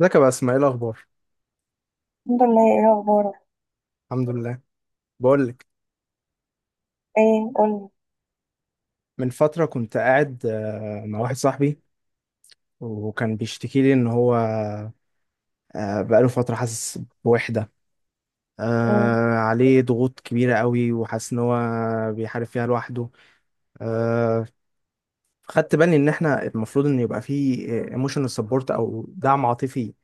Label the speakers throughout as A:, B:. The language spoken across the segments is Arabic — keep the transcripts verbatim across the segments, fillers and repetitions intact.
A: ازيك يا باسم؟ ايه الاخبار؟
B: الحمد لله، ايه اخبارك؟
A: الحمد لله. بقول لك.
B: ايه؟ قولي.
A: من فتره كنت قاعد آه، مع واحد صاحبي، وكان بيشتكي لي ان هو آه، بقاله فتره حاسس بوحده.
B: مم.
A: آه، عليه ضغوط كبيره قوي وحاسس ان هو بيحارب فيها لوحده. آه، خدت بالي ان احنا المفروض ان يبقى فيه ايموشنال سبورت او دعم عاطفي،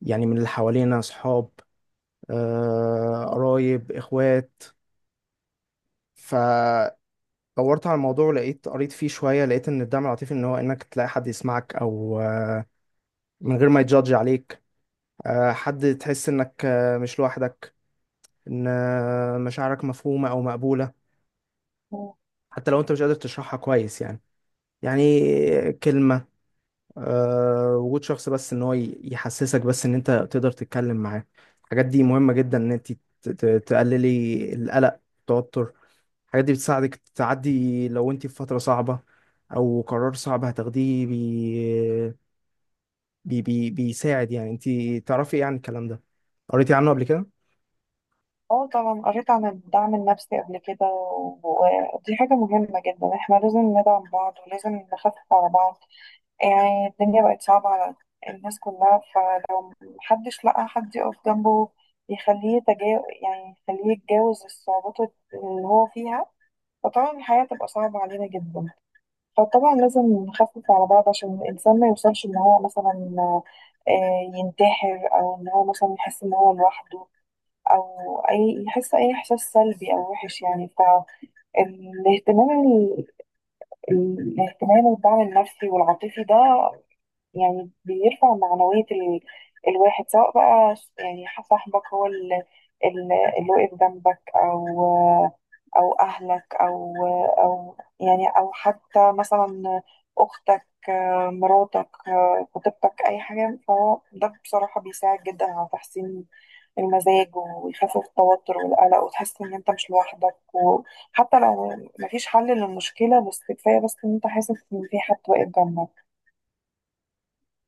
A: يعني من اللي حوالينا اصحاب، آه، قرايب، اخوات. ف دورت على الموضوع، لقيت قريت فيه شوية، لقيت إن الدعم العاطفي إن هو إنك تلاقي حد يسمعك أو آه، من غير ما يجادج عليك، آه، حد تحس إنك آه، مش لوحدك، إن آه، مشاعرك مفهومة أو مقبولة،
B: مم.
A: حتى لو أنت مش قادر تشرحها كويس يعني يعني كلمة، آه، وجود شخص، بس ان هو ي- يحسسك بس ان انت تقدر تتكلم معاه. الحاجات دي مهمة جدا ان انت ت- ت- تقللي القلق، التوتر. الحاجات دي بتساعدك تعدي لو انت في فترة صعبة او قرار صعب هتاخديه بي... بي... بي... بيساعد يعني. انت تعرفي ايه عن الكلام ده؟ قريتي عنه قبل كده؟
B: اه، طبعا قريت عن الدعم النفسي قبل كده، و- ودي حاجة مهمة جدا. احنا لازم ندعم بعض ولازم نخفف على بعض. يعني الدنيا بقت صعبة على الناس كلها، فلو محدش لقى حد يقف جنبه يخليه يتجاوز، يعني يخليه يتجاوز الصعوبات اللي هو فيها، فطبعا الحياة تبقى صعبة علينا جدا. فطبعا لازم نخفف على بعض عشان الإنسان ما يوصلش إن هو مثلا آه، ينتحر، أو إن هو مثلا يحس إن هو لوحده، أو أي يحس أي إحساس سلبي أو وحش يعني. فالاهتمام ال- ال- الاهتمام والدعم النفسي والعاطفي ده يعني بيرفع معنوية ال... الواحد، سواء بقى ش- يعني ح- صاحبك هو ال... ال... اللي واقف جنبك، أو أو أهلك، أو أو يعني أو حتى مثلا أختك، آه، مراتك، آه، خطيبتك، أي حاجة. فهو ده بصراحة بيساعد جدا على تحسين المزاج، ويخفف التوتر والقلق، وتحس إن أنت مش لوحدك، وحتى لو مفيش حل للمشكلة، بس كفاية بس إن أنت حاسس إن في حد واقف جنبك.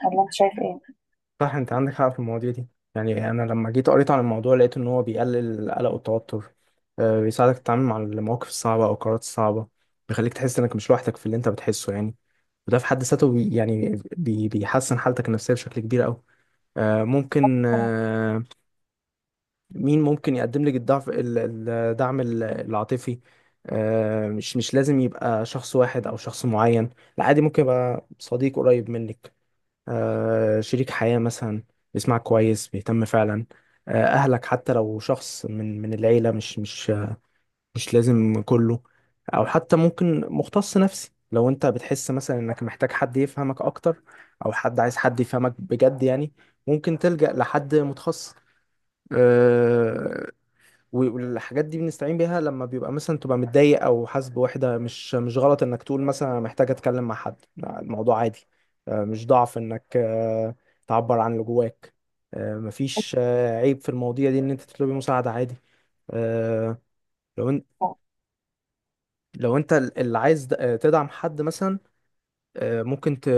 B: ولا أنت شايف إيه؟
A: صح، انت عندك حق في المواضيع دي. يعني انا لما جيت قريت عن الموضوع لقيت ان هو بيقلل القلق والتوتر، آه، بيساعدك تتعامل مع المواقف الصعبه او القرارات الصعبه، بيخليك تحس انك مش لوحدك في اللي انت بتحسه يعني. وده في حد ذاته بي يعني بي بيحسن حالتك النفسيه بشكل كبير قوي. آه، ممكن آه، مين ممكن يقدم لك الضعف ال- الدعم ال- العاطفي؟ آه، مش مش لازم يبقى شخص واحد او شخص معين، لا عادي، ممكن يبقى صديق قريب منك، آه، شريك حياة مثلا بيسمعك كويس، بيهتم فعلا، آه، أهلك، حتى لو شخص من من العيلة، مش مش مش لازم كله. أو حتى ممكن مختص نفسي لو أنت بتحس مثلا إنك محتاج حد يفهمك أكتر، أو حد عايز حد يفهمك بجد يعني، ممكن تلجأ لحد متخصص. آه، و- والحاجات دي بنستعين بيها لما بيبقى مثلا تبقى متضايق او حاسس بوحده. مش مش غلط انك تقول مثلا أنا محتاج اتكلم مع حد. لا، الموضوع عادي. آه، مش ضعف انك آه، تعبر عن اللي جواك. آه، مفيش آه، عيب في المواضيع دي ان انت تطلبي مساعده، عادي. آه، لو انت لو انت اللي عايز د- آه، تدعم حد مثلا، آه، ممكن ت...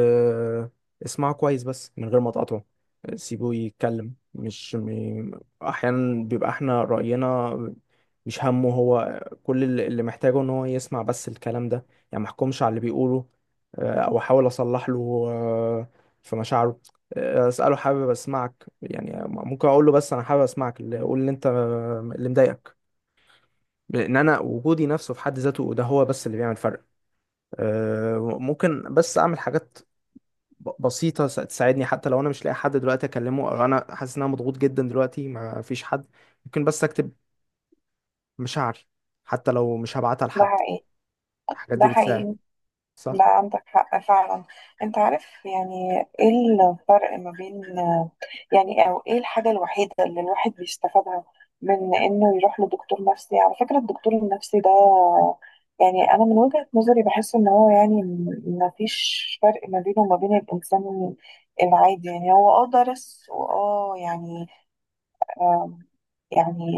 A: اسمعه كويس بس من غير ما تقاطعه. آه، سيبه يتكلم، مش م... احيانا بيبقى احنا رأينا، مش همه. هو كل اللي اللي محتاجه ان هو يسمع بس الكلام ده يعني. ما احكمش على اللي بيقوله، آه، او احاول اصلح له آه، في مشاعره. آه، اساله حابب اسمعك يعني، ممكن اقول له بس انا حابب اسمعك، اللي قول اللي انت اللي مضايقك، لان انا وجودي نفسه في حد ذاته ده هو بس اللي بيعمل فرق. آه، ممكن بس اعمل حاجات ب- بسيطة س- تساعدني، حتى لو أنا مش لاقي حد دلوقتي أكلمه، أو أنا حاسس إن أنا مضغوط جدا دلوقتي ما فيش حد. ممكن بس أكتب مشاعري حتى لو مش هبعتها
B: ده
A: لحد.
B: حقيقي.
A: الحاجات
B: ده
A: دي
B: حقيقي.
A: بتساعد. صح.
B: ده عندك حق فعلا. انت عارف يعني ايه الفرق ما بين، يعني او ايه الحاجة الوحيدة اللي الواحد بيستفادها من انه يروح لدكتور نفسي؟ على فكرة الدكتور النفسي ده، يعني انا من وجهة نظري بحس ان هو يعني ما فيش فرق ما بينه وما بين الانسان العادي. يعني هو اه درس واه يعني يعني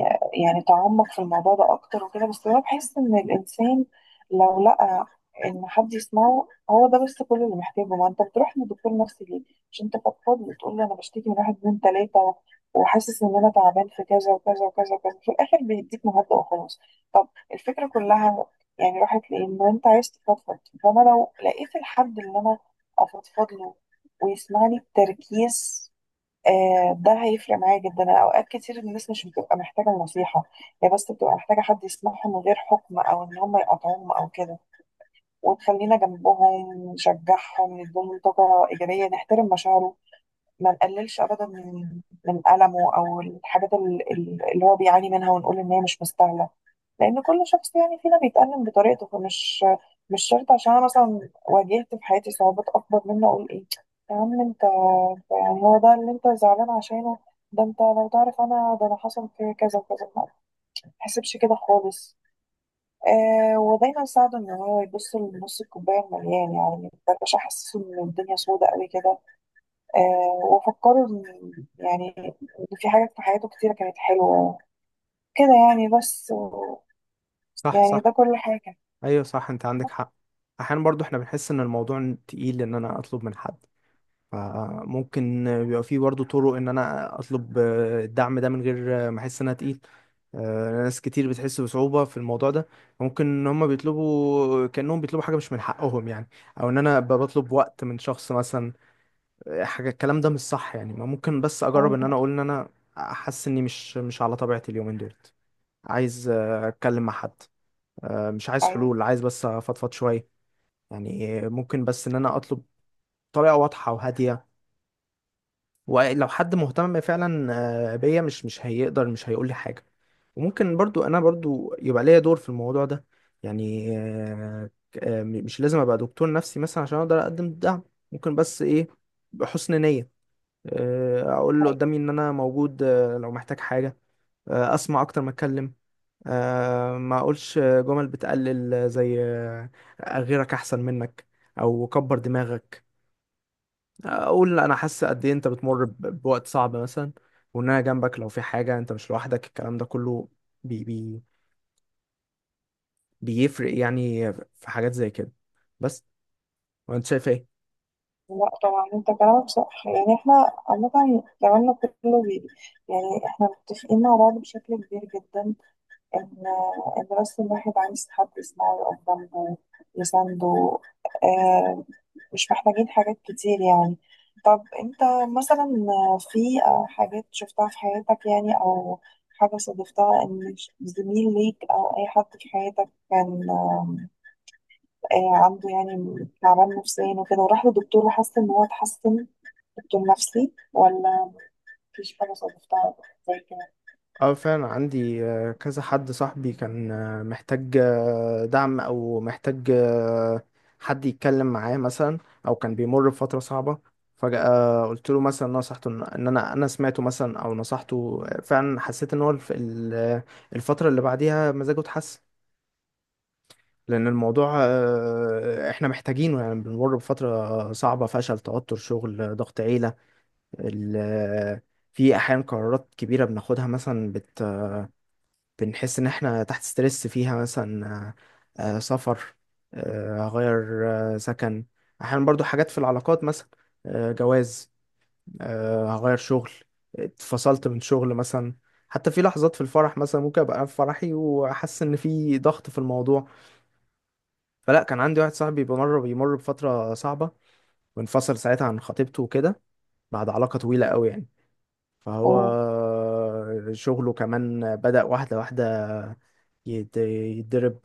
B: يعني تعمق في الموضوع ده اكتر وكده، بس انا بحس ان الانسان لو لقى ان حد يسمعه هو ده بس كل اللي محتاجه. ما انت بتروح لدكتور نفسي ليه؟ مش انت فضفاض وتقول لي انا بشتكي من واحد اتنين تلاته، وحاسس ان انا تعبان في كذا وكذا وكذا وكذا، في الاخر بيديك مهدئ وخلاص. طب الفكره كلها يعني راحت ليه؟ ان انت عايز تفضفض. فانا لو لقيت الحد اللي انا افضفض له ويسمعني بتركيز، آه، ده هيفرق معايا جدا. أنا اوقات كتير الناس مش بتبقى محتاجه النصيحه، هي بس بتبقى محتاجه حد يسمعهم من غير حكم، او ان هم يقاطعوهم او كده. وتخلينا جنبهم نشجعهم نديهم طاقه ايجابيه، نحترم مشاعرهم، ما نقللش ابدا من من المه او الحاجات ال- ال- اللي هو بيعاني منها، ونقول ان هي مش مستاهله. لان كل شخص يعني فينا بيتألم بطريقته، فمش مش شرط عشان انا مثلا واجهت في حياتي صعوبات اكبر منه اقول ايه يا عم انت أنت يعني هو ده اللي انت زعلان عشانه؟ ده انت لو تعرف انا، ده انا حصل في كذا وكذا، ما تحسبش كده خالص. آه ودايما ساعده ان هو يبص لنص الكوبايه المليان، يعني ما يبقاش حاسس ان الدنيا سودة قوي كده. آه وفكروا إن- يعني إن في حاجات في حياته كتيرة كانت حلوة كده يعني، بس و-
A: صح،
B: يعني ده
A: صح.
B: كل حاجة.
A: أيوه صح، أنت عندك حق. أحيانا برضو إحنا بنحس إن الموضوع تقيل إن أنا أطلب من حد، فممكن بيبقى فيه برضه طرق ان انا اطلب الدعم ده من غير ما احس ان انا تقيل. آه، ناس كتير بتحس بصعوبة في الموضوع ده، ممكن ان هم بيطلبوا كأنهم بيطلبوا حاجة مش من حقهم يعني، او ان انا أبقى بطلب وقت من شخص مثلا. آه، حاجة الكلام ده مش صح يعني. ما ممكن بس اجرب ان
B: مم،
A: انا اقول ان انا حاسس اني مش مش على طبيعتي اليومين دولت، عايز آه، اتكلم مع حد. آه، مش عايز
B: أيوة.
A: حلول، عايز بس افضفض شوية يعني. آه، ممكن بس ان انا اطلب طريقة واضحة وهادية، ولو حد مهتم فعلا آه، بيا مش مش هيقدر مش هيقول لي حاجة. وممكن برضو انا برضو يبقى ليا دور في الموضوع ده يعني. آه، آه، مش لازم ابقى دكتور نفسي مثلا عشان اقدر اقدم الدعم، ممكن بس ايه، بحسن نية آه، اقول اللي
B: أيوة.
A: قدامي ان انا موجود، آه، لو محتاج حاجة. آه، اسمع اكتر ما اتكلم، آه، ما اقولش جمل بتقلل زي آه، غيرك احسن منك، او كبر دماغك. اقول انا حاسس قد ايه انت بتمر ب- بوقت صعب مثلا، وان انا جنبك لو في حاجه، انت مش لوحدك. الكلام ده كله بي بي بيفرق يعني في حاجات زي كده. بس، وانت شايف ايه؟
B: لا، طبعا انت كلامك صح. يعني احنا عامة كلامنا كله بي يعني احنا متفقين مع بعض بشكل كبير جدا، ان ان بس الواحد عايز حد يسمعه، يقف جنبه، يسنده. آه، مش محتاجين حاجات كتير يعني. طب انت مثلا، في حاجات شفتها في حياتك، يعني او حاجة صادفتها ان زميل ليك او اي حد في حياتك كان آم، آه، عنده يعني تعبان نفسيا وكده، وراح لدكتور وحس ان هو اتحسن؟ دكتور نفسي؟ ولا مفيش حاجة صادفتها زي كده؟
A: اه فعلا عندي آه، كذا حد صاحبي كان آه، محتاج آه، دعم او محتاج آه، حد يتكلم معاه مثلا، او كان بيمر بفترة صعبة. فجأة قلت له مثلا، نصحته ان إن انا انا سمعته مثلا او نصحته. آه، فعلا حسيت ان هو الف- ال- آه، الفترة اللي بعديها مزاجه اتحسن. لأن الموضوع آه، إحنا محتاجينه، يعني بنمر بفترة صعبة، فشل، توتر، شغل، ضغط، عيلة، ال- في أحيانا قرارات كبيرة بناخدها مثلا، بت بنحس إن إحنا تحت ستريس فيها مثلا، آه، آه، سفر، آه، هغير آه، سكن. أحيانا برضو حاجات في العلاقات مثلا، آه، جواز، آه، هغير شغل، اتفصلت من شغل مثلا. حتى في لحظات في الفرح مثلا ممكن أبقى في فرحي وأحس إن في ضغط في الموضوع. فلا، كان عندي واحد صاحبي بمر بيمر بفترة صعبة، وانفصل ساعتها عن خطيبته وكده بعد علاقة طويلة قوي يعني. فهو
B: أه.
A: شغله كمان بدأ واحدة واحدة يت- يتضرب.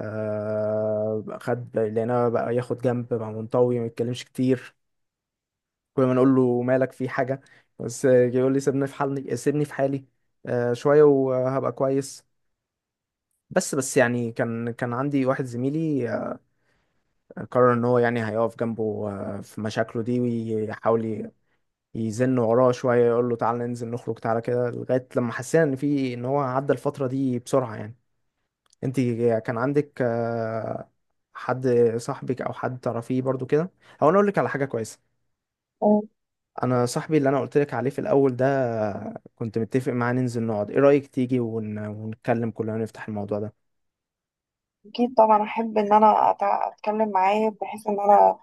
A: آه، خد لقيناه بقى ياخد جنب، بقى منطوي ما يتكلمش كتير، كل ما نقول له مالك، في حاجة؟ بس يقول لي سيبني في حالي، سيبني في حالي، آه، شوية وهبقى كويس. بس بس يعني كان كان عندي واحد زميلي قرر ان هو يعني هيقف جنبه آه، في مشاكله دي، ويحاول ي- يزن وراه شوية، يقول له تعالى ننزل نخرج، تعالى كده، لغاية لما حسينا ان في ان هو عدى الفترة دي بسرعة يعني. انت كان عندك آه، حد صاحبك او حد تعرفيه برضو كده؟ هو انا اقول لك على حاجة كويسة.
B: أه.
A: انا صاحبي اللي انا قلت لك عليه في الاول ده، آه، كنت متفق معاه ننزل نقعد. ايه رأيك تيجي ون... ونتكلم كلنا، نفتح الموضوع ده؟
B: اكيد طبعا احب ان انا أتع- اتكلم معاه، بحيث ان انا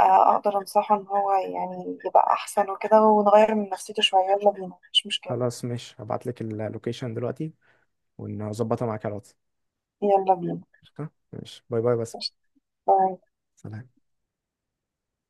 B: آه، اقدر انصحه ان هو يعني يبقى احسن وكده، ونغير من نفسيته شوية. يلا بينا، مش مشكلة.
A: خلاص ماشي، هبعت لك اللوكيشن دلوقتي ونظبطها معاك على الواتس.
B: يلا بينا.
A: قشطة؟ ماشي، باي باي، بس
B: قشطة. باي.
A: سلام.